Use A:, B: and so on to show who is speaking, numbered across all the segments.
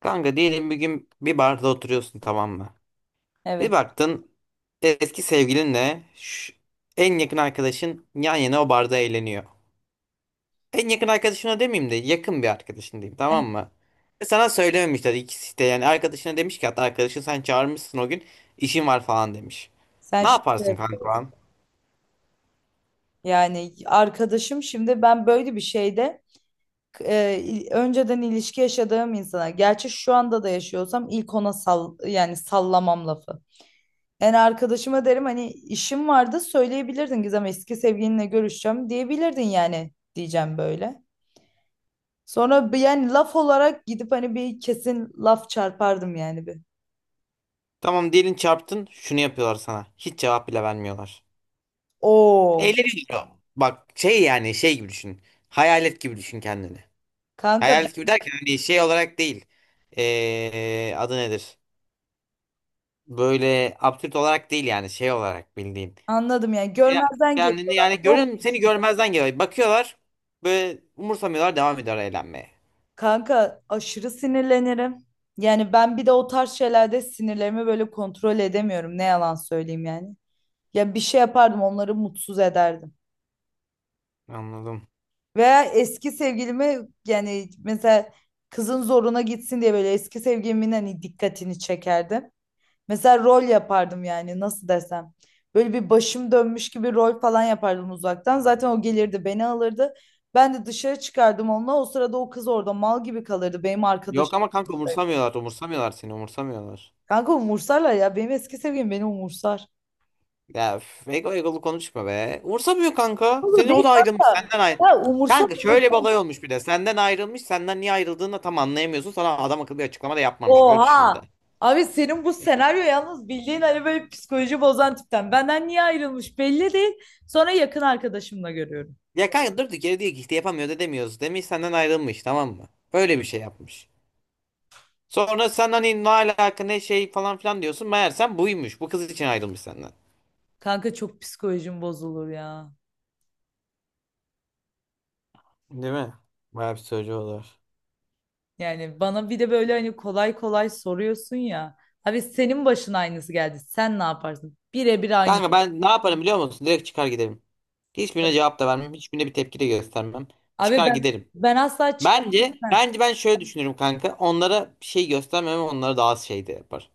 A: Kanka diyelim bir gün bir barda oturuyorsun, tamam mı? Bir
B: Evet.
A: baktın eski sevgilinle en yakın arkadaşın yan yana o barda eğleniyor. En yakın arkadaşına demeyeyim de yakın bir arkadaşın diyeyim,
B: Evet.
A: tamam mı? Ve sana söylememişler ikisi de, yani arkadaşına demiş ki, hatta arkadaşın sen çağırmışsın o gün, işin var falan demiş.
B: Sen
A: Ne
B: şaka
A: yaparsın kanka o
B: yapıyorsun.
A: an?
B: Yani arkadaşım, şimdi ben böyle bir şeyde önceden ilişki yaşadığım insana, gerçi şu anda da yaşıyorsam, ilk ona sal, yani sallamam lafı. Yani arkadaşıma derim, hani işim vardı söyleyebilirdin, Gizem eski sevgilinle görüşeceğim diyebilirdin yani, diyeceğim böyle. Sonra bir, yani laf olarak gidip hani bir kesin laf çarpardım yani, bir.
A: Tamam, diyelim çarptın, şunu yapıyorlar sana. Hiç cevap bile vermiyorlar.
B: Oo
A: Eğleniyor. Bak şey, yani şey gibi düşün. Hayalet gibi düşün kendini.
B: kanka,
A: Hayalet
B: ben
A: gibi derken hani şey olarak değil. Adı nedir? Böyle absürt olarak değil, yani şey olarak bildiğin.
B: anladım, yani
A: Ya-
B: görmezden
A: Kendini
B: geliyorlar.
A: yani
B: Yok.
A: görün, seni görmezden geliyor. Bakıyorlar, böyle umursamıyorlar, devam ediyor eğlenmeye.
B: Kanka aşırı sinirlenirim. Yani ben bir de o tarz şeylerde sinirlerimi böyle kontrol edemiyorum, ne yalan söyleyeyim yani. Ya bir şey yapardım, onları mutsuz ederdim.
A: Anladım.
B: Veya eski sevgilimi, yani mesela kızın zoruna gitsin diye böyle eski sevgilimin hani dikkatini çekerdim. Mesela rol yapardım, yani nasıl desem. Böyle bir başım dönmüş gibi rol falan yapardım uzaktan. Zaten o gelirdi beni alırdı. Ben de dışarı çıkardım onunla. O sırada o kız orada mal gibi kalırdı, benim
A: Yok
B: arkadaşım.
A: ama kanka, umursamıyorlar. Umursamıyorlar, seni umursamıyorlar.
B: Kanka umursarlar ya. Benim eski sevgilim beni umursar.
A: Ya üf, ego, egolu konuşma be. Umursamıyor kanka.
B: Oğlum
A: Senin o
B: değil
A: da ayrılmış,
B: kanka.
A: senden ayrı.
B: Ya umursa
A: Kanka şöyle bir
B: umursa.
A: olay olmuş bir de. Senden ayrılmış. Senden niye ayrıldığını da tam anlayamıyorsun. Sana adam akıllı bir açıklama da yapmamış. Öyle düşün bir de.
B: Oha. Abi senin bu senaryo yalnız bildiğin hani böyle psikoloji bozan tipten. Benden niye ayrılmış belli değil. Sonra yakın arkadaşımla görüyorum.
A: Ya kanka durdu geri, diyor ki işte yapamıyoruz edemiyoruz demiş, senden ayrılmış, tamam mı? Böyle bir şey yapmış. Sonra sen hani ne alaka ne şey falan filan diyorsun. Meğersem buymuş. Bu kız için ayrılmış senden.
B: Kanka çok psikolojim bozulur ya.
A: Değil mi? Bayağı bir söylüyor olur.
B: Yani bana bir de böyle hani kolay kolay soruyorsun ya. Abi senin başına aynısı geldi. Sen ne yaparsın? Birebir aynısı.
A: Kanka ben ne yaparım biliyor musun? Direkt çıkar giderim. Hiçbirine cevap da vermem. Hiçbirine bir tepki de göstermem.
B: Abi
A: Çıkar
B: ben
A: giderim.
B: ben asla
A: Bence,
B: çıkamam.
A: bence ben şöyle düşünürüm kanka. Onlara bir şey göstermem, onlara daha az şey de yapar.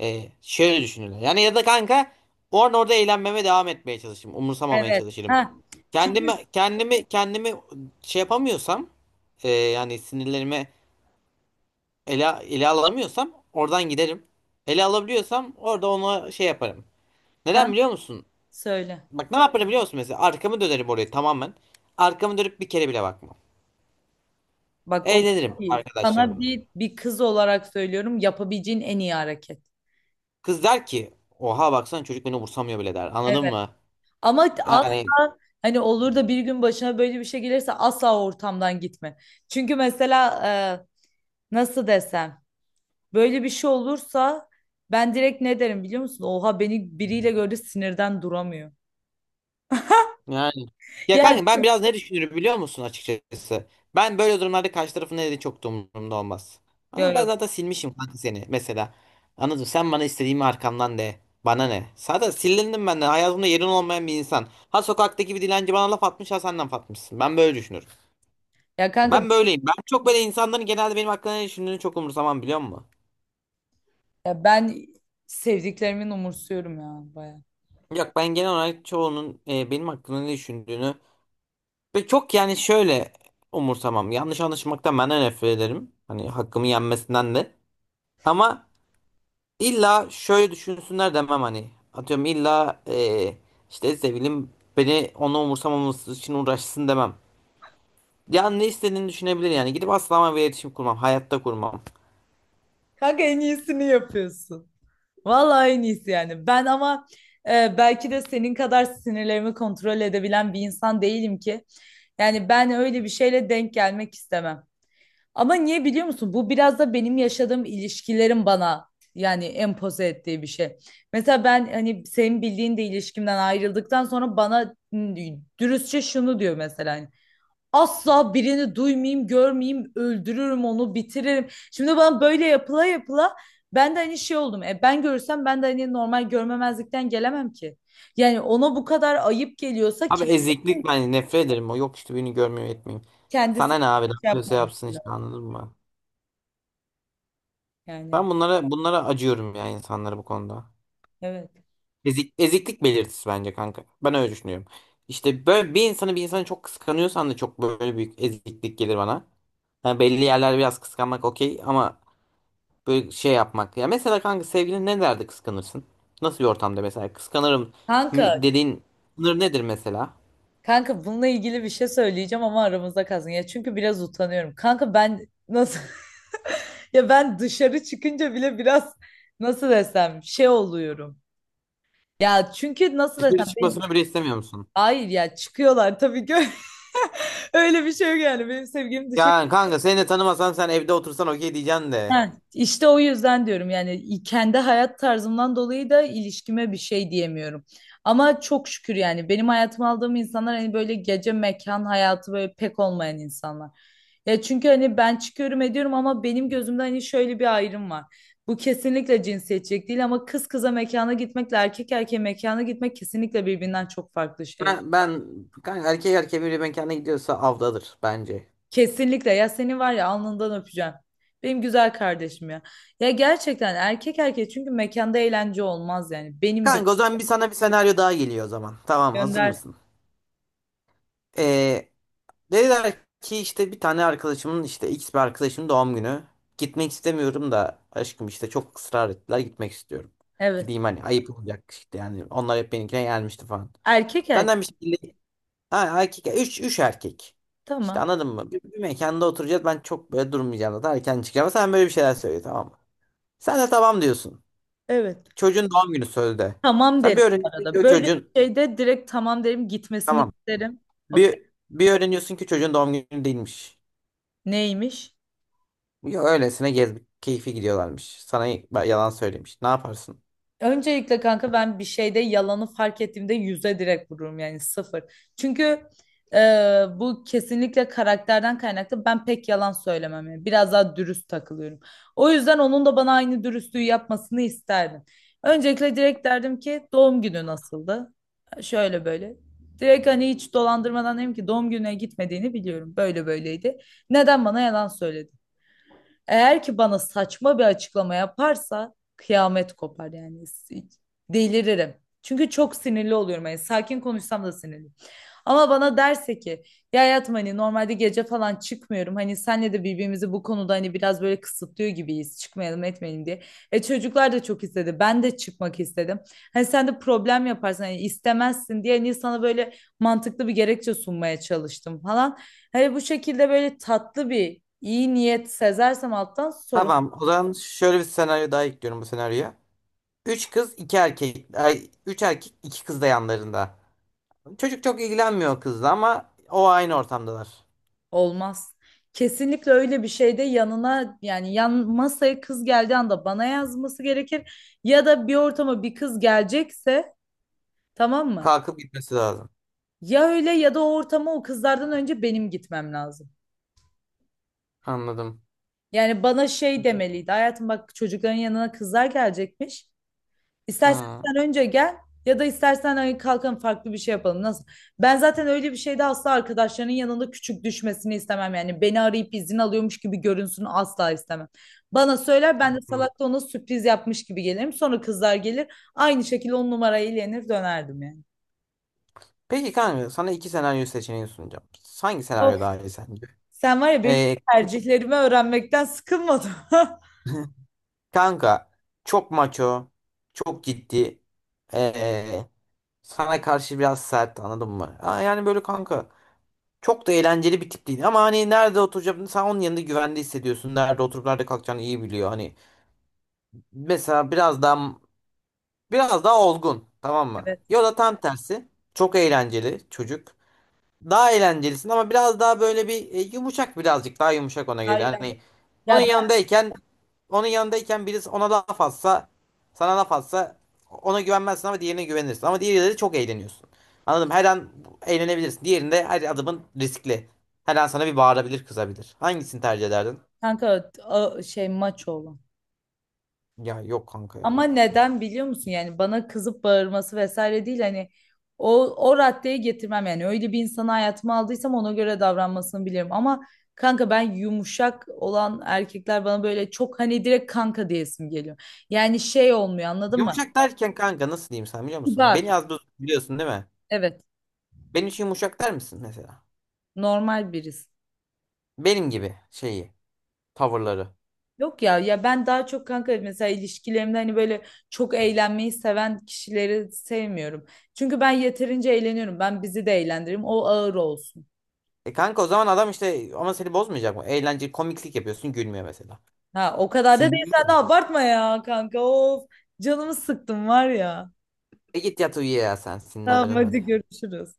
A: Şöyle düşünürler. Yani ya da kanka orada eğlenmeme devam etmeye çalışırım. Umursamamaya
B: Evet.
A: çalışırım.
B: Ha.
A: Kendimi
B: Çünkü
A: kendimi kendimi şey yapamıyorsam, yani sinirlerimi ele alamıyorsam oradan giderim. Ele alabiliyorsam orada ona şey yaparım. Neden
B: kan,
A: biliyor musun?
B: söyle.
A: Bak ne yaparım biliyor musun mesela? Arkamı dönerim oraya tamamen. Arkamı dönüp bir kere bile bakmam.
B: Bak o çok
A: Eğlenirim
B: iyi. Sana
A: arkadaşlarımla.
B: bir kız olarak söylüyorum, yapabileceğin en iyi hareket.
A: Kız der ki oha baksana, çocuk beni umursamıyor bile der. Anladın
B: Evet.
A: mı?
B: Ama
A: Yani
B: asla, hani olur da bir gün başına böyle bir şey gelirse, asla o ortamdan gitme. Çünkü mesela nasıl desem, böyle bir şey olursa ben direkt ne derim biliyor musun? Oha, beni biriyle gördü sinirden duramıyor.
A: yani. Ya
B: Ya,
A: kanka ben biraz ne düşünürüm biliyor musun açıkçası? Ben böyle durumlarda karşı tarafın ne dediği çok da umurumda olmaz. Anladın
B: ya,
A: mı?
B: ya,
A: Ben zaten silmişim kanka seni mesela. Anladın mı? Sen bana istediğimi arkamdan de. Bana ne? Zaten silindim benden. Hayatımda yerin olmayan bir insan. Ha sokaktaki bir dilenci bana laf atmış, ha sen laf atmışsın. Ben böyle düşünürüm.
B: ya kanka,
A: Ben böyleyim. Ben çok böyle insanların genelde benim hakkında ne düşündüğünü çok umursamam, biliyor musun?
B: ya ben sevdiklerimin umursuyorum ya, baya.
A: Yok, ben genel olarak çoğunun benim hakkında ne düşündüğünü ve çok yani şöyle umursamam. Yanlış anlaşılmaktan ben de nefret ederim. Hani hakkımı yenmesinden de. Ama illa şöyle düşünsünler demem hani. Atıyorum illa işte sevgilim beni, onu umursamaması için uğraşsın demem. Yani ne istediğini düşünebilir yani. Gidip asla ama bir iletişim kurmam. Hayatta kurmam.
B: Kanka en iyisini yapıyorsun. Vallahi en iyisi yani. Ben ama belki de senin kadar sinirlerimi kontrol edebilen bir insan değilim ki. Yani ben öyle bir şeyle denk gelmek istemem. Ama niye biliyor musun? Bu biraz da benim yaşadığım ilişkilerin bana, yani empoze ettiği bir şey. Mesela ben hani senin bildiğin de ilişkimden ayrıldıktan sonra bana dürüstçe şunu diyor mesela, hani, asla birini duymayayım, görmeyeyim, öldürürüm onu, bitiririm. Şimdi bana böyle yapıla yapıla ben de hani şey oldum. E ben görürsem, ben de hani normal görmemezlikten gelemem ki. Yani ona bu kadar ayıp geliyorsa
A: Abi
B: kendisi,
A: eziklik, ben nefret ederim. O yok işte, birini görmüyor etmeyeyim.
B: kendisi
A: Sana ne abi? Ne
B: şey
A: yapıyorsa
B: yapmamak
A: yapsın işte,
B: lazım.
A: anladın mı?
B: Yani
A: Ben bunlara acıyorum ya, insanlara bu konuda.
B: evet.
A: Ezik, eziklik belirtisi bence kanka. Ben öyle düşünüyorum. İşte böyle bir insanı çok kıskanıyorsan da çok böyle büyük eziklik gelir bana. Yani belli yerler biraz kıskanmak okey, ama böyle şey yapmak. Ya mesela kanka sevgilin ne derdi kıskanırsın? Nasıl bir ortamda mesela kıskanırım
B: Kanka,
A: dediğin sınır nedir mesela?
B: kanka, bununla ilgili bir şey söyleyeceğim ama aramızda kalsın. Ya çünkü biraz utanıyorum. Kanka ben nasıl... Ya ben dışarı çıkınca bile biraz nasıl desem, şey oluyorum. Ya çünkü nasıl desem...
A: Dışarı çıkmasını bile istemiyor musun?
B: Hayır ya, çıkıyorlar tabii ki. Öyle bir şey yok yani. Benim sevgilim dışarı...
A: Yani kanka seni de tanımasam sen evde otursan okey diyeceksin de.
B: Ha, işte o yüzden diyorum, yani kendi hayat tarzımdan dolayı da ilişkime bir şey diyemiyorum. Ama çok şükür yani benim hayatıma aldığım insanlar hani böyle gece mekan hayatı böyle pek olmayan insanlar. Ya çünkü hani ben çıkıyorum ediyorum ama benim gözümde hani şöyle bir ayrım var. Bu kesinlikle cinsiyetçilik değil ama kız kıza mekana gitmekle erkek erkeğe mekana gitmek kesinlikle birbirinden çok farklı şeyler.
A: Ben kanka erkek erkeğe bir mekana gidiyorsa avdadır bence.
B: Kesinlikle, ya seni var ya, alnından öpeceğim. Benim güzel kardeşim ya. Ya gerçekten erkek erkek çünkü mekanda eğlence olmaz yani. Benim gö...
A: Kanka o zaman bir sana bir senaryo daha geliyor o zaman. Tamam, hazır
B: Gönder.
A: mısın? Ee, Dediler ki işte bir tane arkadaşımın, işte X bir arkadaşımın doğum günü. Gitmek istemiyorum da aşkım, işte çok ısrar ettiler, gitmek istiyorum.
B: Evet.
A: Gideyim hani, ayıp olacak işte, yani onlar hep benimkine gelmişti falan.
B: Erkek erkek,
A: Senden bir şekilde ha, üç erkek. İşte
B: tamam.
A: anladın mı? Bir mekanda oturacağız, ben çok böyle durmayacağım zaten, erken çıkacağım. Sen böyle bir şeyler söyle, tamam mı? Sen de tamam diyorsun.
B: Evet.
A: Çocuğun doğum günü sözde.
B: Tamam
A: Sen bir
B: derim bu
A: öğreniyorsun ki
B: arada.
A: o
B: Böyle bir
A: çocuğun
B: şeyde direkt tamam derim, gitmesini
A: tamam.
B: isterim. Okey.
A: Bir öğreniyorsun ki çocuğun doğum günü değilmiş.
B: Neymiş?
A: Yo, öylesine gezmek keyfi gidiyorlarmış. Sana yalan söylemiş. Ne yaparsın?
B: Öncelikle kanka ben bir şeyde yalanı fark ettiğimde yüze direkt vururum, yani sıfır. Çünkü e, bu kesinlikle karakterden kaynaklı. Ben pek yalan söylemem yani, biraz daha dürüst takılıyorum. O yüzden onun da bana aynı dürüstlüğü yapmasını isterdim. Öncelikle direkt derdim ki, doğum günü nasıldı? Şöyle böyle. Direkt hani hiç dolandırmadan dedim ki, doğum gününe gitmediğini biliyorum. Böyle böyleydi. Neden bana yalan söyledin? Eğer ki bana saçma bir açıklama yaparsa kıyamet kopar yani. Delirim. Çünkü çok sinirli oluyorum. Yani sakin konuşsam da sinirli. Ama bana derse ki ya hayatım, hani normalde gece falan çıkmıyorum. Hani senle de birbirimizi bu konuda hani biraz böyle kısıtlıyor gibiyiz. Çıkmayalım etmeyelim diye. E çocuklar da çok istedi, ben de çıkmak istedim. Hani sen de problem yaparsın, hani istemezsin diye, hani sana böyle mantıklı bir gerekçe sunmaya çalıştım falan. Hani bu şekilde böyle tatlı bir iyi niyet sezersem alttan sorun...
A: Tamam. O zaman şöyle bir senaryo daha ekliyorum bu senaryoya. Üç kız, iki erkek. Ay, üç erkek, iki kız da yanlarında. Çocuk çok ilgilenmiyor kızla ama o aynı ortamdalar.
B: Olmaz. Kesinlikle öyle bir şeyde yanına, yani yan masaya kız geldiği anda bana yazması gerekir. Ya da bir ortama bir kız gelecekse, tamam mı?
A: Kalkıp gitmesi lazım.
B: Ya öyle ya da o ortama o kızlardan önce benim gitmem lazım.
A: Anladım.
B: Yani bana şey demeliydi: hayatım bak, çocukların yanına kızlar gelecekmiş. İstersen
A: Hmm.
B: sen önce gel, ya da istersen hani kalkalım farklı bir şey yapalım. Nasıl? Ben zaten öyle bir şeyde asla arkadaşlarının yanında küçük düşmesini istemem. Yani beni arayıp izin alıyormuş gibi görünsün asla istemem. Bana söyler, ben de
A: Hı.
B: salak da ona sürpriz yapmış gibi gelirim. Sonra kızlar gelir, aynı şekilde on numarayı eğlenir dönerdim yani.
A: Peki kanka, sana iki senaryo seçeneği sunacağım. Hangi
B: Of,
A: senaryo daha iyi sence?
B: sen var ya, benim
A: Ee,
B: tercihlerimi öğrenmekten sıkılmadın.
A: kanka çok maço, çok ciddi. ee, Sana karşı biraz sert, anladın mı? Ya yani böyle kanka çok da eğlenceli bir tip değil ama hani nerede oturacağını, sen onun yanında güvende hissediyorsun. Nerede oturup nerede kalkacağını iyi biliyor. Hani mesela biraz daha olgun, tamam mı?
B: Evet.
A: Ya da tam tersi çok eğlenceli çocuk. Daha eğlencelisin ama biraz daha böyle bir yumuşak, birazcık daha yumuşak ona göre.
B: Hayır, hayır.
A: Hani onun
B: Ya ben
A: yanındayken onun yanındayken birisi ona laf atsa, sana laf atsa, ona güvenmezsin ama diğerine güvenirsin. Ama diğeriyle çok eğleniyorsun. Anladım. Her an eğlenebilirsin. Diğerinde her adımın riskli. Her an sana bir bağırabilir, kızabilir. Hangisini tercih ederdin?
B: kanka, şey, maç oğlu.
A: Ya yok kanka
B: Ama
A: ya.
B: neden biliyor musun? Yani bana kızıp bağırması vesaire değil, hani o raddeye getirmem yani, öyle bir insanı hayatıma aldıysam ona göre davranmasını bilirim ama kanka ben yumuşak olan erkekler, bana böyle çok hani direkt kanka diyesim geliyor. Yani şey olmuyor anladın mı?
A: Yumuşak derken kanka nasıl diyeyim, sen biliyor musun?
B: Kibar.
A: Beni az buz biliyorsun değil mi?
B: Evet,
A: Benim için yumuşak der misin mesela?
B: normal birisi.
A: Benim gibi şeyi, tavırları.
B: Yok ya, ya ben daha çok kanka mesela ilişkilerimde hani böyle çok eğlenmeyi seven kişileri sevmiyorum. Çünkü ben yeterince eğleniyorum. Ben bizi de eğlendiririm. O ağır olsun.
A: E kanka, o zaman adam işte, ama seni bozmayacak mı? Eğlenceli komiklik yapıyorsun, gülmüyor mesela.
B: Ha, o kadar da değil, sen
A: Sinirlenmez
B: de
A: mi?
B: abartma ya kanka. Of, canımı sıktım var ya.
A: E git yat uyu ya, sen
B: Tamam.
A: sinirlendirin
B: Hadi
A: beni.
B: görüşürüz.